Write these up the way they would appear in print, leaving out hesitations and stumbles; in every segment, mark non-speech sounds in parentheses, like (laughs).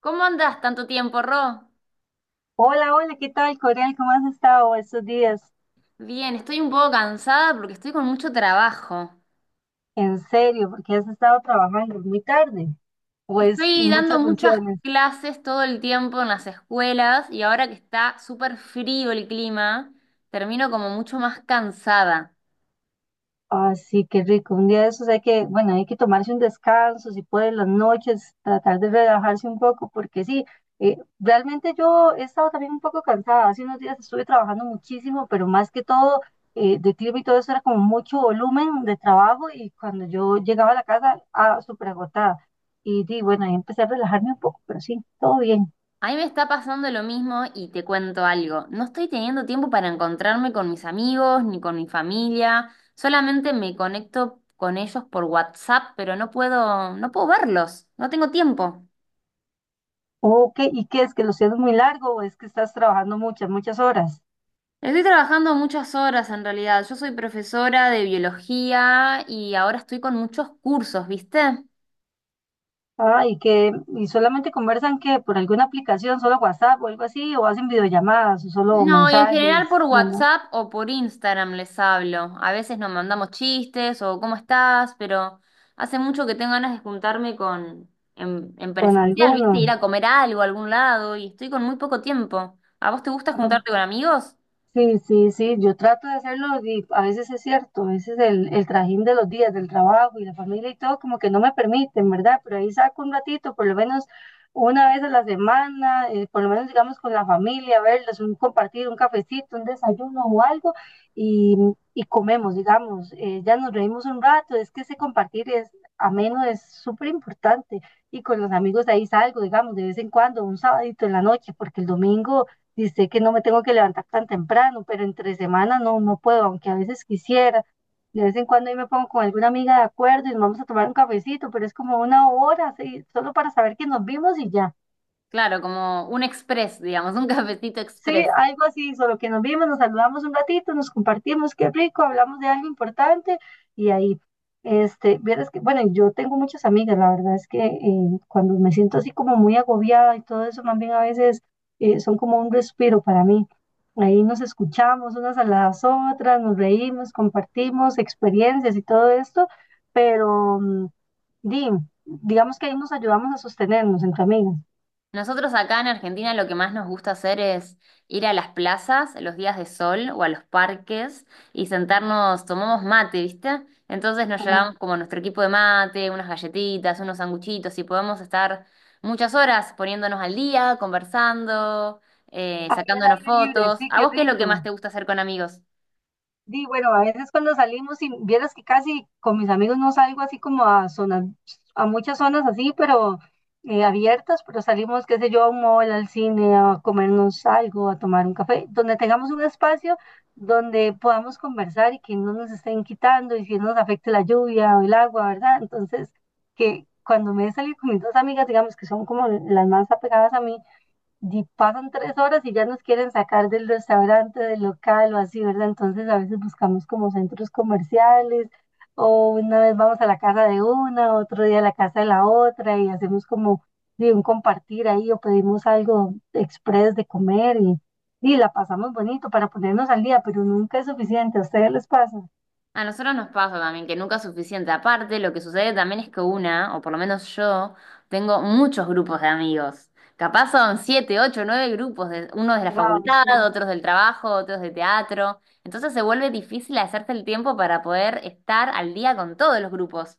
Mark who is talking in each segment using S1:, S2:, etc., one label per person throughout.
S1: ¿Cómo andas tanto tiempo, Ro?
S2: Hola, hola, ¿qué tal, Corel? ¿Cómo has estado estos días?
S1: Bien, estoy un poco cansada porque estoy con mucho trabajo.
S2: En serio, porque has estado trabajando muy tarde, pues
S1: Estoy dando
S2: muchas
S1: muchas
S2: funciones.
S1: clases todo el tiempo en las escuelas y ahora que está súper frío el clima, termino como mucho más cansada.
S2: Así que rico. Un día de esos hay que, bueno, hay que tomarse un descanso, si puede, en las noches, tratar de relajarse un poco, porque sí, realmente yo he estado también un poco cansada. Hace unos días estuve trabajando muchísimo, pero más que todo, de clima y todo eso era como mucho volumen de trabajo y cuando yo llegaba a la casa, ah, súper agotada. Y di, bueno, ahí empecé a relajarme un poco, pero sí, todo bien.
S1: A mí me está pasando lo mismo y te cuento algo. No estoy teniendo tiempo para encontrarme con mis amigos ni con mi familia. Solamente me conecto con ellos por WhatsApp, pero no puedo verlos. No tengo tiempo.
S2: Ok, ¿y qué es que lo siento muy largo o es que estás trabajando muchas, muchas horas?
S1: Estoy trabajando muchas horas en realidad. Yo soy profesora de biología y ahora estoy con muchos cursos, ¿viste?
S2: Ah, y solamente conversan que por alguna aplicación, solo WhatsApp o algo así, o hacen videollamadas o solo
S1: No, y en general por
S2: mensajes, llama
S1: WhatsApp o por Instagram les hablo. A veces nos mandamos chistes o ¿cómo estás? Pero hace mucho que tengo ganas de juntarme con en
S2: con
S1: presencial, ¿viste? Ir
S2: alguno.
S1: a comer algo a algún lado y estoy con muy poco tiempo. ¿A vos te gusta
S2: Ah.
S1: juntarte con amigos?
S2: Sí, sí, sí, yo trato de hacerlo y a veces es cierto, a veces el trajín de los días, del trabajo y la familia y todo como que no me permiten, ¿verdad? Pero ahí saco un ratito, por lo menos una vez a la semana, por lo menos digamos con la familia, verlos, un compartir, un cafecito, un desayuno o algo y, y comemos, digamos, ya nos reímos un rato, es que ese compartir es ameno, es súper importante y con los amigos de ahí salgo, digamos, de vez en cuando, un sabadito en la noche, porque el domingo y sé que no me tengo que levantar tan temprano, pero entre semana no, no puedo, aunque a veces quisiera. De vez en cuando ahí me pongo con alguna amiga de acuerdo y nos vamos a tomar un cafecito, pero es como una hora, sí, solo para saber que nos vimos y ya.
S1: Claro, como un express, digamos, un (laughs) cafecito
S2: Sí,
S1: express.
S2: algo así, solo que nos vimos, nos saludamos un ratito, nos compartimos, qué rico, hablamos de algo importante y ahí, vieras que, bueno, yo tengo muchas amigas, la verdad es que cuando me siento así como muy agobiada y todo eso, más bien a veces son como un respiro para mí. Ahí nos escuchamos unas a las otras, nos reímos, compartimos experiencias y todo esto, pero di, digamos que ahí nos ayudamos a sostenernos entre amigas.
S1: Nosotros acá en Argentina lo que más nos gusta hacer es ir a las plazas los días de sol o a los parques y sentarnos, tomamos mate, ¿viste? Entonces nos
S2: Ah.
S1: llevamos como nuestro equipo de mate, unas galletitas, unos sanguchitos y podemos estar muchas horas poniéndonos al día, conversando,
S2: Ahí el
S1: sacándonos
S2: aire libre,
S1: fotos.
S2: sí,
S1: ¿A
S2: qué
S1: vos qué es lo que más
S2: rico.
S1: te gusta hacer con amigos?
S2: Di, bueno, a veces cuando salimos, y vieras que casi con mis amigos no salgo así como a zonas, a muchas zonas así, pero abiertas, pero salimos, qué sé yo, a un mall, al cine, a comernos algo, a tomar un café, donde tengamos un espacio donde podamos conversar y que no nos estén quitando y que no nos afecte la lluvia o el agua, ¿verdad? Entonces, que cuando me he salido con mis dos amigas, digamos que son como las más apegadas a mí, y pasan 3 horas y ya nos quieren sacar del restaurante, del local o así, ¿verdad? Entonces a veces buscamos como centros comerciales o una vez vamos a la casa de una, otro día a la casa de la otra y hacemos como de un compartir ahí o pedimos algo express de comer y la pasamos bonito para ponernos al día, pero nunca es suficiente. ¿A ustedes les pasa?
S1: A nosotros nos pasa también que nunca es suficiente. Aparte, lo que sucede también es que una, o por lo menos yo, tengo muchos grupos de amigos. Capaz son siete, ocho, nueve grupos, de, unos de la
S2: Wow.
S1: facultad, otros del trabajo, otros de teatro. Entonces se vuelve difícil hacerse el tiempo para poder estar al día con todos los grupos.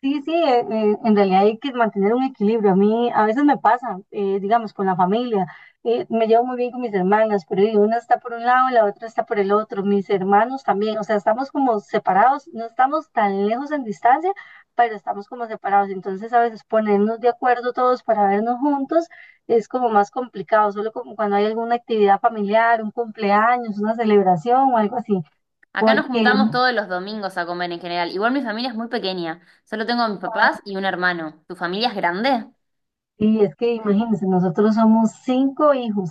S2: Sí, sí, en realidad hay que mantener un equilibrio. A mí a veces me pasa, digamos, con la familia. Me llevo muy bien con mis hermanas, pero una está por un lado y la otra está por el otro. Mis hermanos también, o sea, estamos como separados, no estamos tan lejos en distancia, pero estamos como separados. Entonces a veces ponernos de acuerdo todos para vernos juntos es como más complicado, solo como cuando hay alguna actividad familiar, un cumpleaños, una celebración o algo así.
S1: Acá nos
S2: Porque,
S1: juntamos todos los domingos a comer en general. Igual mi familia es muy pequeña. Solo tengo a mis papás y un hermano. ¿Tu familia es grande?
S2: y es que imagínense, nosotros somos cinco hijos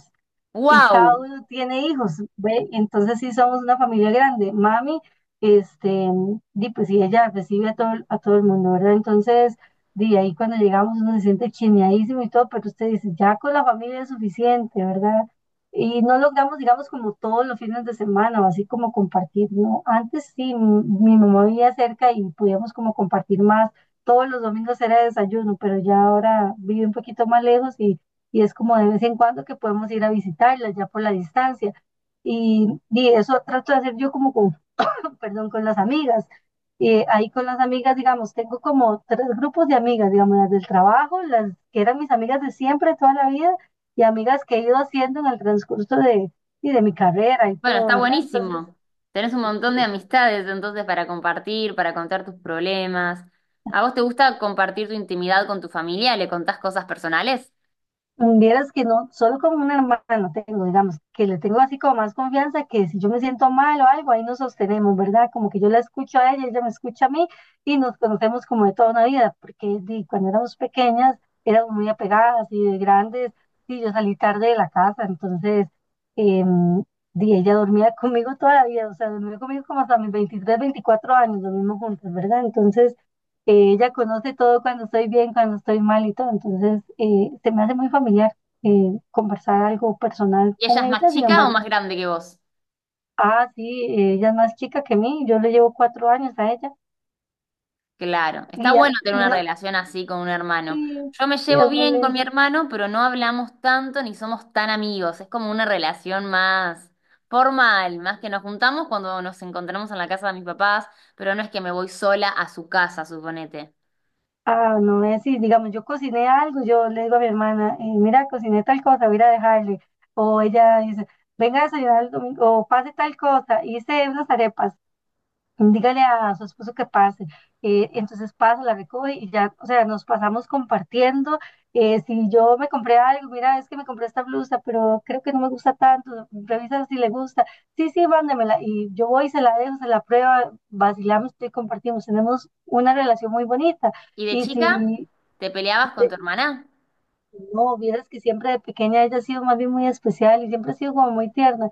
S2: y cada
S1: ¡Wow!
S2: uno tiene hijos, ¿ve? Entonces sí somos una familia grande. Mami, este, di, pues sí, ella recibe a todo, a todo el mundo, ¿verdad? Entonces, de ahí cuando llegamos uno se siente chineadísimo y todo, pero usted dice, ya con la familia es suficiente, ¿verdad? Y no logramos, digamos, como todos los fines de semana, o así como compartir, ¿no? Antes sí, mi mamá vivía cerca y podíamos como compartir más. Todos los domingos era desayuno, pero ya ahora vive un poquito más lejos y es como de vez en cuando que podemos ir a visitarlas ya por la distancia. Y eso trato de hacer yo como con, (laughs) perdón, con las amigas. Ahí con las amigas, digamos, tengo como tres grupos de amigas, digamos, las del trabajo, las que eran mis amigas de siempre, toda la vida, y amigas que he ido haciendo en el transcurso y de mi carrera y
S1: Bueno,
S2: todo,
S1: está
S2: ¿verdad? Entonces,
S1: buenísimo. Tenés un
S2: sí,
S1: montón de
S2: sí.
S1: amistades entonces para compartir, para contar tus problemas. ¿A vos te gusta compartir tu intimidad con tu familia? ¿Le contás cosas personales?
S2: Mm, vieras que no, solo con un hermano tengo, digamos, que le tengo así como más confianza, que si yo me siento mal o algo, ahí nos sostenemos, ¿verdad? Como que yo la escucho a ella, ella me escucha a mí y nos conocemos como de toda una vida, porque di, cuando éramos pequeñas éramos muy apegadas y de grandes, y yo salí tarde de la casa, entonces, em, di, ella dormía (laughs) conmigo toda la vida, o sea, dormía conmigo como hasta mis 23, 24 años, dormimos juntas, ¿verdad? Entonces... Ella conoce todo cuando estoy bien, cuando estoy mal y todo. Entonces, se me hace muy familiar conversar algo personal
S1: ¿Y ella
S2: con
S1: es más
S2: ella. Sin
S1: chica o más
S2: embargo,
S1: grande que vos?
S2: ah, sí, ella es más chica que mí. Yo le llevo 4 años a ella.
S1: Claro, está
S2: Y ah,
S1: bueno tener una
S2: no,
S1: relación así con un hermano.
S2: sí,
S1: Yo me
S2: sí, es
S1: llevo
S2: muy
S1: bien con mi
S2: lindo.
S1: hermano, pero no hablamos tanto ni somos tan amigos. Es como una relación más formal, más que nos juntamos cuando nos encontramos en la casa de mis papás, pero no es que me voy sola a su casa, suponete.
S2: Ah, no es así. Digamos, yo cociné algo, yo le digo a mi hermana, mira, cociné tal cosa, voy a ir a dejarle. O ella dice, venga a desayunar el domingo, o pase tal cosa, hice unas arepas. Dígale a su esposo que pase. Entonces pasa, la recoge y ya, o sea, nos pasamos compartiendo. Si yo me compré algo, mira, es que me compré esta blusa, pero creo que no me gusta tanto, revisa si le gusta. Sí, sí, mándemela. Y yo voy, se la dejo, se la prueba, vacilamos y compartimos. Tenemos una relación muy bonita.
S1: Y de
S2: Y
S1: chica
S2: si
S1: te peleabas con tu hermana.
S2: no, vieras que siempre de pequeña ella ha sido más bien muy especial y siempre ha sido como muy tierna.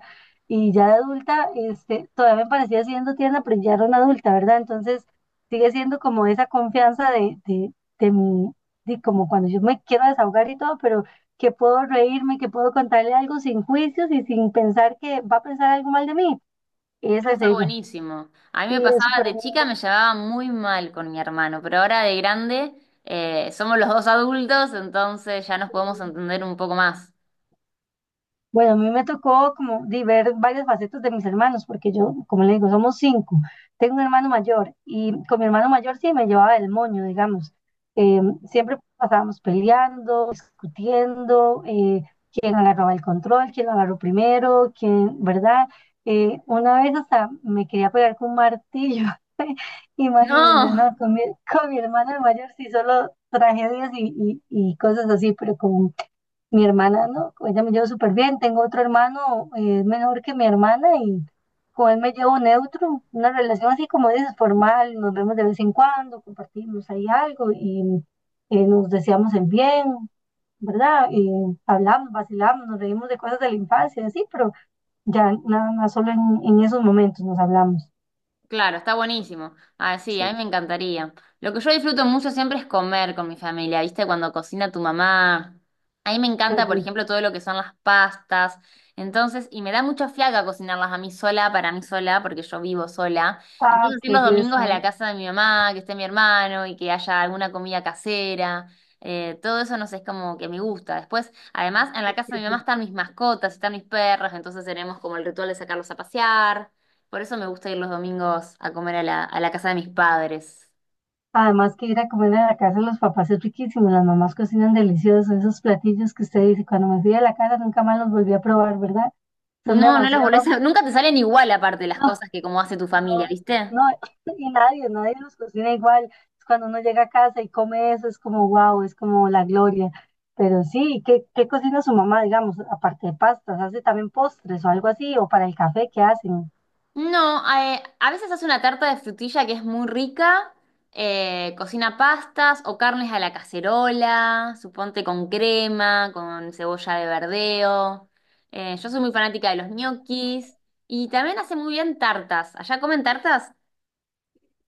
S2: Y ya de adulta, todavía me parecía siendo tierna, pero ya era una adulta, ¿verdad? Entonces sigue siendo como esa confianza de mi, de como cuando yo me quiero desahogar y todo, pero que puedo reírme, que puedo contarle algo sin juicios y sin pensar que va a pensar algo mal de mí.
S1: Eso
S2: Esa es
S1: está
S2: ella.
S1: buenísimo. A mí
S2: Sí,
S1: me
S2: eso
S1: pasaba
S2: para
S1: de
S2: mí.
S1: chica, me llevaba muy mal con mi hermano, pero ahora de grande somos los dos adultos, entonces ya nos podemos entender un poco más.
S2: Bueno, a mí me tocó como di, ver varias facetas de mis hermanos, porque yo, como le digo, somos cinco. Tengo un hermano mayor y con mi hermano mayor sí me llevaba el moño, digamos. Eh, Siempre pasábamos peleando, discutiendo, quién agarraba el control, quién lo agarró primero, quién, ¿verdad? Una vez hasta me quería pegar con un martillo, (laughs) imagínense, ¿no?
S1: No.
S2: Con mi hermano mayor sí solo tragedias y, y cosas así, pero mi hermana, ¿no? Con ella me llevo súper bien. Tengo otro hermano, es menor que mi hermana y con él me llevo neutro. Una relación así como dices, formal. Nos vemos de vez en cuando, compartimos ahí algo y nos deseamos el bien, ¿verdad? Y hablamos, vacilamos, nos reímos de cosas de la infancia, y así, pero ya nada más solo en esos momentos nos hablamos.
S1: Claro, está buenísimo. Ah, sí,
S2: Sí,
S1: a mí me encantaría. Lo que yo disfruto mucho siempre es comer con mi familia, ¿viste? Cuando cocina tu mamá. A mí me
S2: qué
S1: encanta, por
S2: rico.
S1: ejemplo, todo lo que son las pastas. Entonces, y me da mucha fiaca cocinarlas a mí sola, para mí sola, porque yo vivo sola.
S2: Ah,
S1: Entonces, ir
S2: qué
S1: los
S2: bien,
S1: domingos a la
S2: Sonia.
S1: casa de mi mamá, que esté mi hermano y que haya alguna comida casera. Todo eso, no sé, es como que me gusta. Después, además, en la
S2: Sí,
S1: casa
S2: qué
S1: de mi mamá
S2: rico.
S1: están mis mascotas, están mis perros, entonces tenemos como el ritual de sacarlos a pasear. Por eso me gusta ir los domingos a comer a la casa de mis padres.
S2: Además que ir a comer a la casa de los papás es riquísimo, las mamás cocinan deliciosos, esos platillos que usted dice, cuando me fui de la casa nunca más los volví a probar, ¿verdad? Son
S1: No, no los
S2: demasiados.
S1: volvés a... Nunca te salen igual aparte
S2: (laughs)
S1: las
S2: No,
S1: cosas que como hace tu familia,
S2: no,
S1: ¿viste?
S2: no, (laughs) y nadie, nadie los cocina igual. Es cuando uno llega a casa y come eso, es como wow, es como la gloria. Pero sí, ¿qué, qué cocina su mamá, digamos, aparte de pastas? ¿Hace también postres o algo así? ¿O para el café qué hacen?
S1: No, a veces hace una tarta de frutilla que es muy rica, cocina pastas o carnes a la cacerola, suponte con crema, con cebolla de verdeo. Yo soy muy fanática de los ñoquis y también hace muy bien tartas. ¿Allá comen tartas?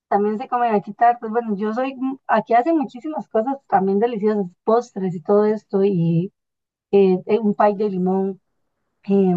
S2: También se come quitar, pues bueno, yo soy, aquí hacen muchísimas cosas también deliciosas, postres y todo esto, y un pay de limón, eh,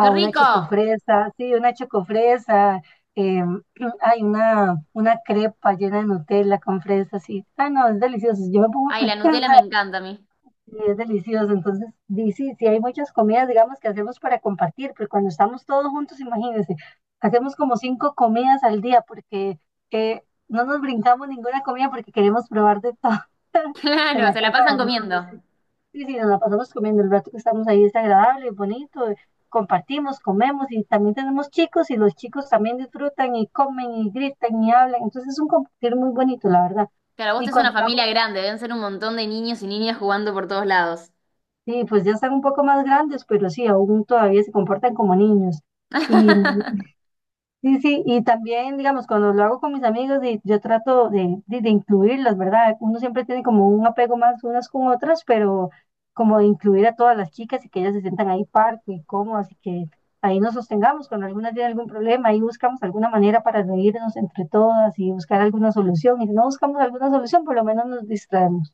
S1: ¡Qué
S2: una
S1: rico!
S2: chocofresa, sí, una chocofresa, eh, (clears throat) hay una crepa llena de Nutella con fresa sí. Ah, no, es delicioso. Yo me pongo (laughs) a
S1: Ay, la
S2: pensar
S1: Nutella me encanta a mí.
S2: y es delicioso. Entonces, sí, sí, hay muchas comidas, digamos, que hacemos para compartir, pero cuando estamos todos juntos, imagínense, hacemos como cinco comidas al día porque eh, no nos brincamos ninguna comida porque queremos probar de todo
S1: (laughs)
S2: (laughs) en
S1: Claro,
S2: la
S1: se la
S2: casa de
S1: pasan
S2: amigos.
S1: comiendo.
S2: Sí, sí, nos la pasamos comiendo, el rato que estamos ahí es agradable, bonito, compartimos, comemos y también tenemos chicos y los chicos también disfrutan y comen y gritan y hablan, entonces es un compartir muy bonito, la verdad.
S1: Claro, vos
S2: Y
S1: tenés una
S2: cuando lo hago,
S1: familia grande, deben ser un montón de niños y niñas jugando por todos lados.
S2: sí, pues ya están un poco más grandes, pero sí, aún todavía se comportan como niños. Y
S1: (laughs)
S2: sí, sí, y también, digamos, cuando lo hago con mis amigos, y yo trato de incluirlas, ¿verdad? Uno siempre tiene como un apego más unas con otras, pero como de incluir a todas las chicas y que ellas se sientan ahí parte y cómodas y que ahí nos sostengamos cuando algunas tienen algún problema, ahí buscamos alguna manera para reírnos entre todas y buscar alguna solución. Y si no buscamos alguna solución, por lo menos nos distraemos.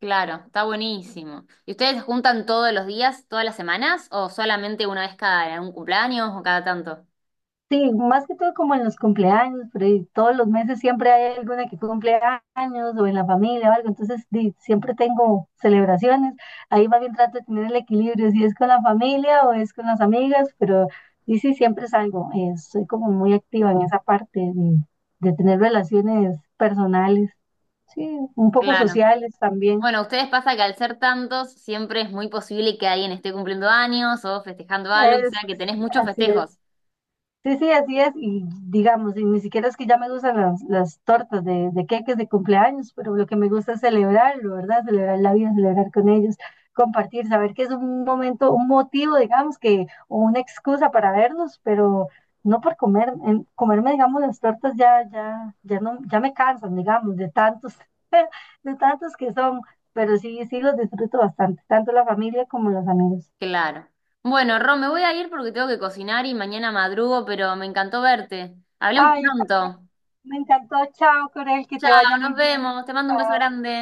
S1: Claro, está buenísimo. ¿Y ustedes se juntan todos los días, todas las semanas, o solamente una vez cada un cumpleaños o cada tanto?
S2: Sí, más que todo como en los cumpleaños, pero ahí todos los meses siempre hay alguna que cumple años o en la familia o algo, entonces di, siempre tengo celebraciones, ahí más bien trato de tener el equilibrio, si es con la familia o es con las amigas, pero y sí, siempre salgo, soy como muy activa en esa parte de tener relaciones personales, sí, un poco
S1: Claro.
S2: sociales también,
S1: Bueno, a ustedes pasa que al ser tantos, siempre es muy posible que alguien esté cumpliendo años o festejando algo, o
S2: es,
S1: sea que tenés
S2: sí,
S1: muchos
S2: así es.
S1: festejos.
S2: Sí, sí, así es. Y digamos, y ni siquiera es que ya me gustan las tortas de queques de cumpleaños, pero lo que me gusta es celebrarlo, ¿verdad? Celebrar la vida, celebrar con ellos, compartir, saber que es un momento, un motivo, digamos, que, o una excusa para vernos, pero no por comer, comerme, digamos, las tortas ya, ya, ya no, ya me cansan, digamos, de tantos, (laughs) de tantos que son, pero sí, sí los disfruto bastante, tanto la familia como los amigos.
S1: Claro. Bueno, Ron, me voy a ir porque tengo que cocinar y mañana madrugo, pero me encantó verte. Hablemos
S2: Ay,
S1: pronto.
S2: también me encantó. Chao, Corel, que te
S1: Chao,
S2: vaya muy
S1: nos
S2: bien.
S1: vemos. Te mando un beso
S2: Chao.
S1: grande.